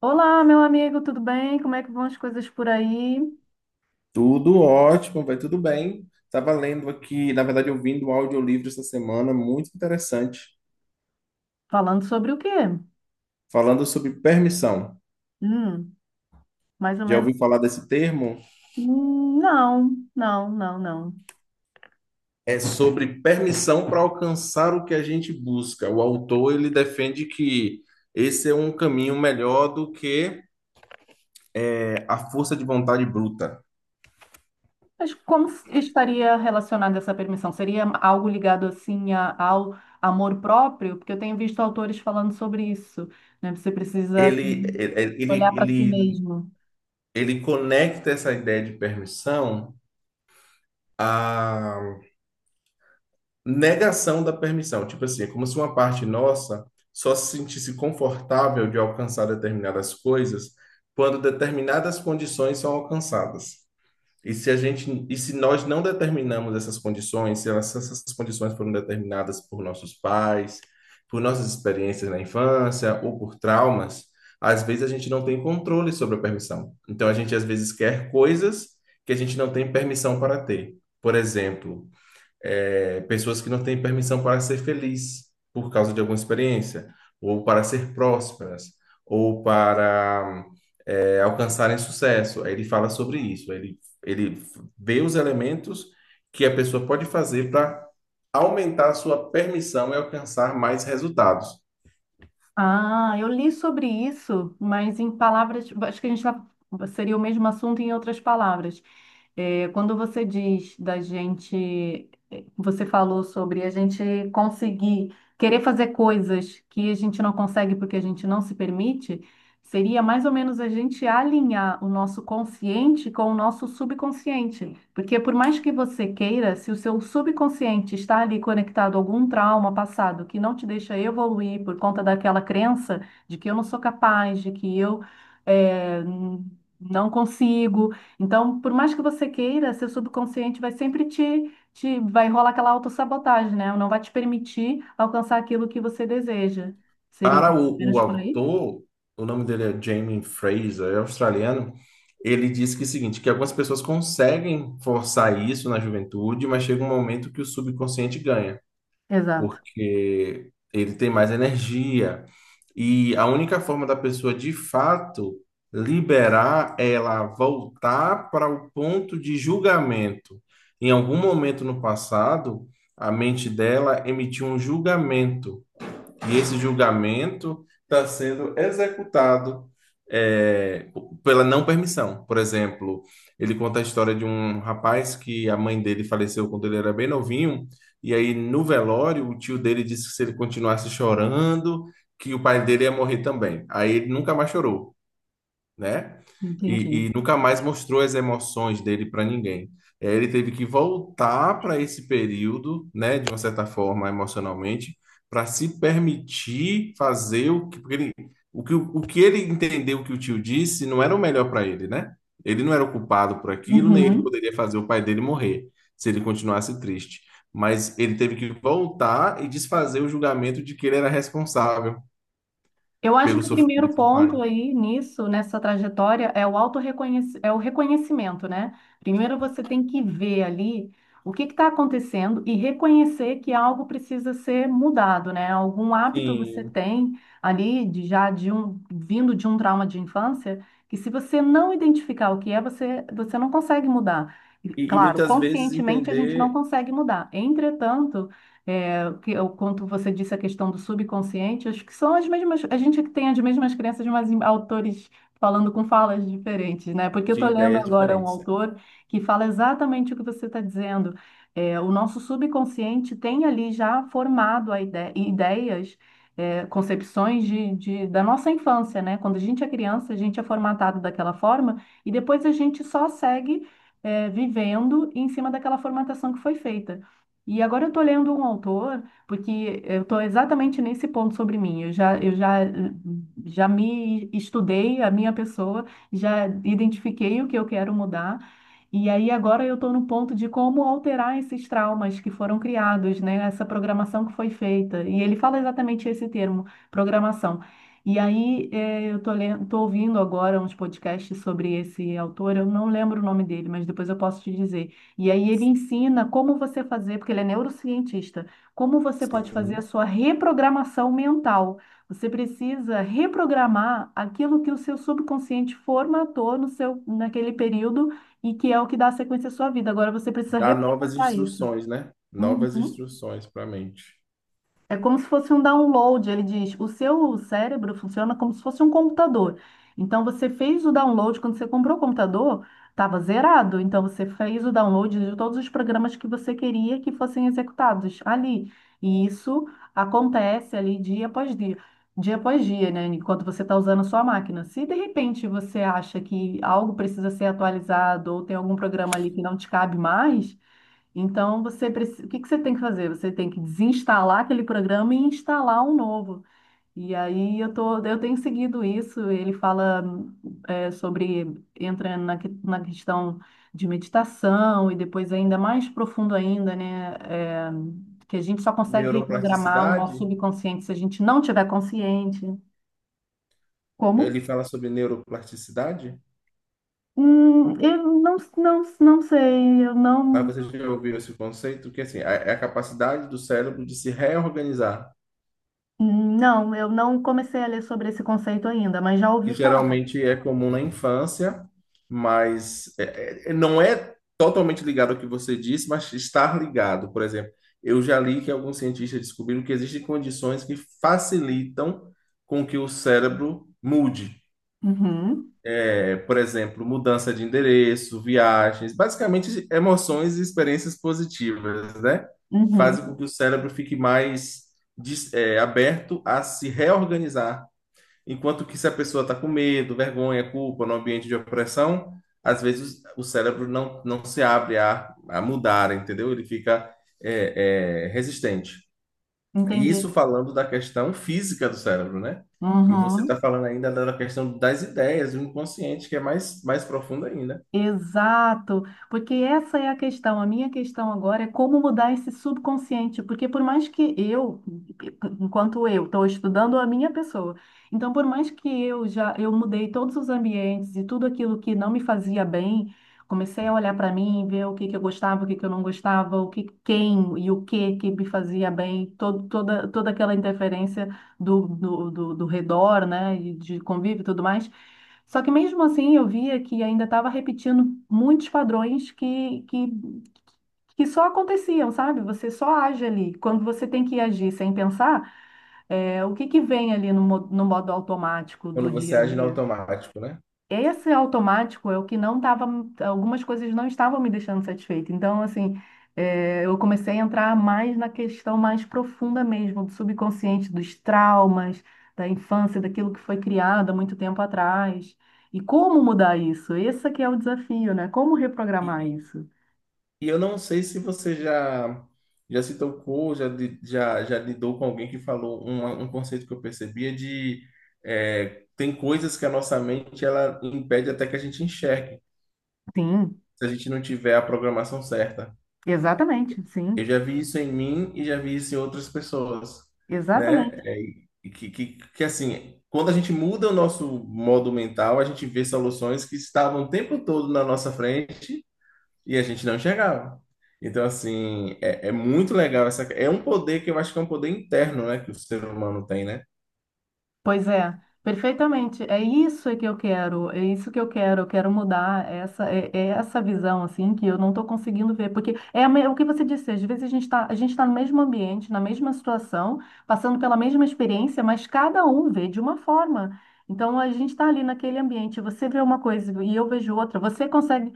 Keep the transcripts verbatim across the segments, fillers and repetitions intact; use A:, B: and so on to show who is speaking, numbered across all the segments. A: Olá, meu amigo, tudo bem? Como é que vão as coisas por aí?
B: Tudo ótimo, vai tudo bem. Estava lendo aqui, na verdade, ouvindo um audiolivro essa semana, muito interessante,
A: Falando sobre o quê?
B: falando sobre permissão.
A: Hum, mais ou
B: Já
A: menos.
B: ouvi falar desse termo?
A: Hum, Não, não, não, não.
B: É sobre permissão para alcançar o que a gente busca. O autor, ele defende que esse é um caminho melhor do que é, a força de vontade bruta.
A: Mas como estaria relacionada essa permissão? Seria algo ligado assim a- ao amor próprio? Porque eu tenho visto autores falando sobre isso, né? Você precisa
B: Ele,
A: assim,
B: ele, ele,
A: olhar para si
B: ele
A: mesmo.
B: ele conecta essa ideia de permissão, negação da permissão. Tipo assim, é como se uma parte nossa só se sentisse confortável de alcançar determinadas coisas quando determinadas condições são alcançadas. E se a gente, e se nós não determinamos essas condições, se elas- se essas condições foram determinadas por nossos pais, por nossas experiências na infância ou por traumas, às vezes a gente não tem controle sobre a permissão. Então a gente às vezes quer coisas que a gente não tem permissão para ter. Por exemplo, é, pessoas que não têm permissão para ser feliz por causa de alguma experiência, ou para ser prósperas, ou para é, alcançarem sucesso. Aí ele fala sobre isso, ele, ele vê os elementos que a pessoa pode fazer para aumentar a sua permissão e alcançar mais resultados.
A: Ah, eu li sobre isso, mas em palavras, tipo, acho que a gente vai, seria o mesmo assunto em outras palavras. É, quando você diz da gente, é, você falou sobre a gente conseguir querer fazer coisas que a gente não consegue porque a gente não se permite. Seria mais ou menos a gente alinhar o nosso consciente com o nosso subconsciente. Porque por mais que você queira, se o seu subconsciente está ali conectado a algum trauma passado que não te deixa evoluir por conta daquela crença de que eu não sou capaz, de que eu eh, não consigo. Então, por mais que você queira, seu subconsciente vai sempre te, te vai rolar aquela autossabotagem, né? Não vai te permitir alcançar aquilo que você deseja. Seria
B: Para o, o
A: menos por aí?
B: autor, o nome dele é Jamie Fraser, é australiano. Ele disse que é o seguinte, que algumas pessoas conseguem forçar isso na juventude, mas chega um momento que o subconsciente ganha,
A: Exato.
B: porque ele tem mais energia. E a única forma da pessoa de fato liberar é ela voltar para o ponto de julgamento. Em algum momento no passado, a mente dela emitiu um julgamento e esse julgamento está sendo executado é, pela não permissão. Por exemplo, ele conta a história de um rapaz que a mãe dele faleceu quando ele era bem novinho, e aí no velório o tio dele disse que se ele continuasse chorando, que o pai dele ia morrer também. Aí ele nunca mais chorou, né? E, e
A: Entendi.
B: nunca mais mostrou as emoções dele para ninguém. Eh, Ele teve que voltar para esse período, né, de uma certa forma, emocionalmente, para se permitir fazer o que, porque ele- o que, o que ele entendeu que o tio disse não era o melhor para ele, né? Ele não era o culpado por aquilo, nem ele
A: Uhum.
B: poderia fazer o pai dele morrer se ele continuasse triste. Mas ele teve que voltar e desfazer o julgamento de que ele era responsável
A: Eu acho
B: pelo
A: que o primeiro
B: sofrimento do pai.
A: ponto aí nisso, nessa trajetória, é o autorreconhec- é o reconhecimento, né? Primeiro você tem que ver ali o que está acontecendo e reconhecer que algo precisa ser mudado, né? Algum hábito você
B: Sim.
A: tem ali de já de um vindo de um trauma de infância que se você não identificar o que é, você você não consegue mudar. E,
B: E, e
A: claro,
B: muitas vezes
A: conscientemente a gente não
B: entender
A: consegue mudar. Entretanto, é, que eu, quanto você disse a questão do subconsciente, acho que são as mesmas, a gente é que tem as mesmas crenças, mas em autores falando com falas diferentes, né? Porque eu
B: de
A: estou lendo
B: ideias
A: agora um
B: diferentes, né?
A: autor que fala exatamente o que você está dizendo. É, o nosso subconsciente tem ali já formado a ide- ideias, é, concepções de, de- da nossa infância, né? Quando a gente é criança, a gente é formatado daquela forma e depois a gente só segue, é, vivendo em cima daquela formatação que foi feita. E agora eu estou lendo um autor, porque eu estou exatamente nesse ponto sobre mim. Eu já, eu já, já me estudei, a minha pessoa, já identifiquei o que eu quero mudar. E aí agora eu estou no ponto de como alterar esses traumas que foram criados, né? Essa programação que foi feita. E ele fala exatamente esse termo, programação. E aí eh, eu estou ouvindo agora uns podcasts sobre esse autor. Eu não lembro o nome dele, mas depois eu posso te dizer. E aí ele ensina como você fazer, porque ele é neurocientista, como você pode fazer a
B: Sim.
A: sua reprogramação mental. Você precisa reprogramar aquilo que o seu subconsciente formatou no seu, naquele período e que é o que dá sequência à sua vida. Agora você precisa
B: Dar novas
A: reprogramar isso.
B: instruções, né? Novas
A: Uhum.
B: instruções para a mente.
A: É como se fosse um download, ele diz. O seu cérebro funciona como se fosse um computador. Então você fez o download quando você comprou o computador, estava zerado. Então você fez o download de todos os programas que você queria que fossem executados ali. E isso acontece ali dia após dia, dia após dia, né? Enquanto você está usando a sua máquina. Se de repente você acha que algo precisa ser atualizado ou tem algum programa ali que não te cabe mais então, você preci- o que que você tem que fazer? Você tem que desinstalar aquele programa e instalar um novo. E aí eu tô, eu tenho seguido isso. Ele fala é, sobre entra na, que- na questão de meditação e depois ainda mais profundo ainda, né? É, que a gente só consegue reprogramar o
B: Neuroplasticidade,
A: nosso subconsciente se a gente não tiver consciente. Como?
B: ele fala sobre neuroplasticidade,
A: Hum, eu não, não, não sei. Eu
B: mas
A: não,
B: você já ouviu esse conceito? Que assim, é é a capacidade do cérebro de se reorganizar.
A: não, eu não comecei a ler sobre esse conceito ainda, mas já
B: Que
A: ouvi falar.
B: geralmente é comum na infância, mas é- é- é, não é totalmente ligado ao que você disse, mas está ligado. Por exemplo, eu já li que alguns cientistas descobriram que existem condições que facilitam com que o cérebro mude.
A: Uhum,
B: É, por exemplo, mudança de endereço, viagens, basicamente emoções e experiências positivas, né? Fazem com
A: uhum,
B: que o cérebro fique mais dis- é, aberto a se reorganizar. Enquanto que se a pessoa está com medo, vergonha, culpa, no ambiente de opressão, às vezes o cérebro não, não se abre a, a mudar, entendeu? Ele fica é, é, resistente. E
A: entendi.
B: isso falando da questão física do cérebro, né? E você está
A: Uhum.
B: falando ainda da questão das ideias, do inconsciente, que é mais, mais profunda ainda,
A: Exato, porque essa é a questão. A minha questão agora é como mudar esse subconsciente, porque por mais que eu, enquanto eu estou estudando a minha pessoa, então por mais que eu já eu mudei todos os ambientes e tudo aquilo que não me fazia bem, comecei a olhar para mim, ver o que que eu gostava, o que que eu não gostava, o que quem e o que que me fazia bem, todo, toda toda aquela interferência do, do, do, do redor, né, e de convívio e tudo mais. Só que mesmo assim eu via que ainda estava repetindo muitos padrões que, que, que só aconteciam, sabe? Você só age ali. Quando você tem que agir sem pensar, é, o que que vem ali no, mo- no modo automático
B: quando
A: do dia
B: você
A: a
B: age no
A: dia?
B: automático, né?
A: Esse automático é o que não estava, algumas coisas não estavam me deixando satisfeita. Então, assim, eh, eu comecei a entrar mais na questão mais profunda mesmo, do subconsciente, dos traumas, da infância, daquilo que foi criado há muito tempo atrás. E como mudar isso? Esse aqui é o desafio, né? Como reprogramar
B: E,
A: isso?
B: e eu não sei se você já já se tocou, já, li- já, já lidou com alguém que falou um, um conceito que eu percebia de é, tem coisas que a nossa mente ela impede até que a gente enxergue,
A: Sim,
B: se a gente não tiver a programação certa.
A: exatamente,
B: Eu
A: sim,
B: já vi isso em mim e já vi isso em outras pessoas, né?
A: exatamente.
B: É, e que, que, que assim, quando a gente muda o nosso modo mental, a gente vê soluções que estavam o tempo todo na nossa frente e a gente não chegava. Então, assim, é, é muito legal essa. É um poder que eu acho que é um poder interno, né? Que o ser humano tem, né?
A: Pois é, perfeitamente. É isso que eu quero, é isso que eu quero. Eu quero mudar essa, é, é essa visão assim que eu não estou conseguindo ver, porque é a me- o que você disse. Às vezes a gente está, a gente está no mesmo ambiente, na mesma situação, passando pela mesma experiência, mas cada um vê de uma forma. Então a gente está ali naquele ambiente. Você vê uma coisa e eu vejo outra. Você consegue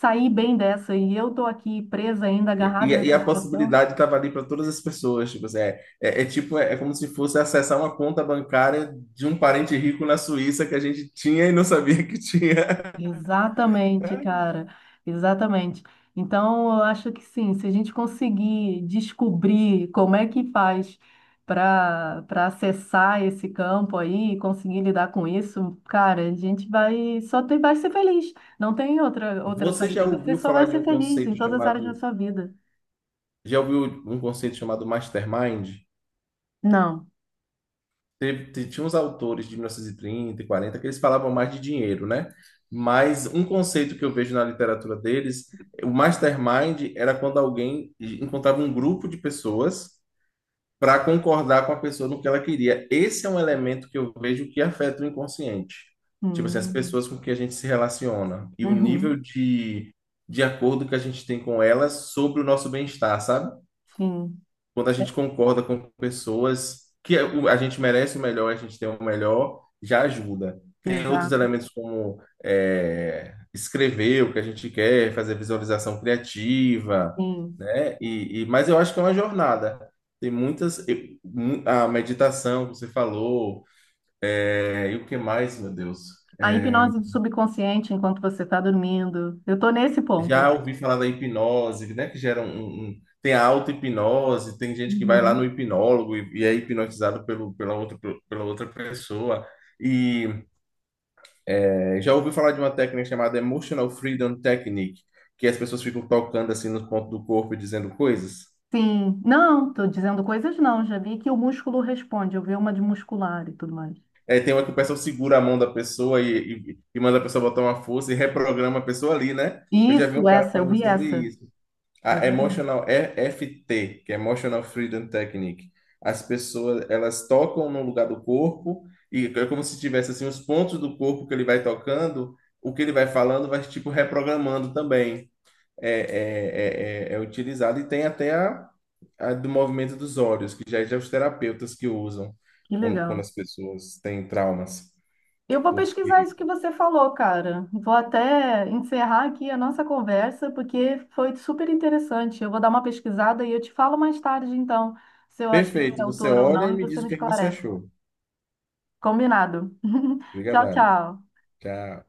A: sair bem dessa e eu estou aqui presa ainda,
B: E,
A: agarrada
B: e
A: nessa
B: a
A: situação.
B: possibilidade estava ali para todas as pessoas. Tipo, assim, é, é, é tipo, é, é como se fosse acessar uma conta bancária de um parente rico na Suíça que a gente tinha e não sabia que tinha.
A: Exatamente, cara, exatamente. Então, eu acho que sim, se a gente conseguir descobrir como é que faz para para acessar esse campo aí, conseguir lidar com isso, cara, a gente vai só tem, vai ser feliz. Não tem outra outra
B: Você já
A: saída. Você
B: ouviu
A: só
B: falar
A: vai
B: de um
A: ser feliz em
B: conceito
A: todas as áreas da
B: chamado.
A: sua vida.
B: Já ouviu um conceito chamado Mastermind?
A: Não.
B: Teve, te- tinha uns autores de mil novecentos e trinta e quarenta que eles falavam mais de dinheiro, né? Mas um conceito que eu vejo na literatura deles, o mastermind era quando alguém encontrava um grupo de pessoas para concordar com a pessoa no que ela queria. Esse é um elemento que eu vejo que afeta o inconsciente. Tipo assim, as
A: Hum,
B: pessoas com que a gente se relaciona e o
A: uhum,
B: nível de, de acordo que a gente tem com elas sobre o nosso bem-estar, sabe?
A: sim,
B: Quando a gente concorda com pessoas que o- a gente merece o melhor, a gente tem o melhor, já ajuda. Tem outros
A: exato,
B: elementos como é, escrever o que a gente quer, fazer visualização criativa,
A: sim.
B: né? E, e- mas eu acho que é uma jornada. Tem muitas, eu- mu- A meditação que você falou, é, e o que mais, meu Deus?
A: A
B: É,
A: hipnose do subconsciente enquanto você está dormindo. Eu tô nesse
B: Já
A: ponto.
B: ouvi falar da hipnose, né? Que gera um, um- um, tem a auto-hipnose, tem gente que vai lá
A: Uhum.
B: no hipnólogo e, e é hipnotizado pelo, pela outra, pela outra pessoa. E é, já ouvi falar de uma técnica chamada Emotional Freedom Technique, que as pessoas ficam tocando assim nos pontos do corpo e dizendo coisas.
A: Sim, não, estou dizendo coisas não. Já vi que o músculo responde. Eu vi uma de muscular e tudo mais.
B: É, tem uma que o pessoal segura a mão da pessoa e, e, e manda a pessoa botar uma força e reprograma a pessoa ali, né? Eu já vi
A: Isso,
B: um cara
A: essa, eu
B: falando
A: vi
B: sobre
A: essa.
B: isso. A
A: Exatamente.
B: Emotional E F T, que é Emotional Freedom Technique. As pessoas, elas tocam no lugar do corpo e é como se tivesse assim os pontos do corpo que ele vai tocando, o que ele vai falando vai tipo reprogramando também. É, é, é, é, é utilizado e tem até a, a do movimento dos olhos, que já é os terapeutas que usam
A: Que
B: quando, quando
A: legal.
B: as pessoas têm traumas.
A: Eu vou pesquisar
B: Porque
A: isso que você falou, cara. Vou até encerrar aqui a nossa conversa, porque foi super interessante. Eu vou dar uma pesquisada e eu te falo mais tarde, então, se eu achei esse
B: perfeito, você
A: autor ou
B: olha e
A: não, e
B: me
A: você
B: diz o
A: me
B: que é que você
A: esclarece.
B: achou.
A: Combinado. Tchau,
B: Obrigada.
A: tchau.
B: Tchau.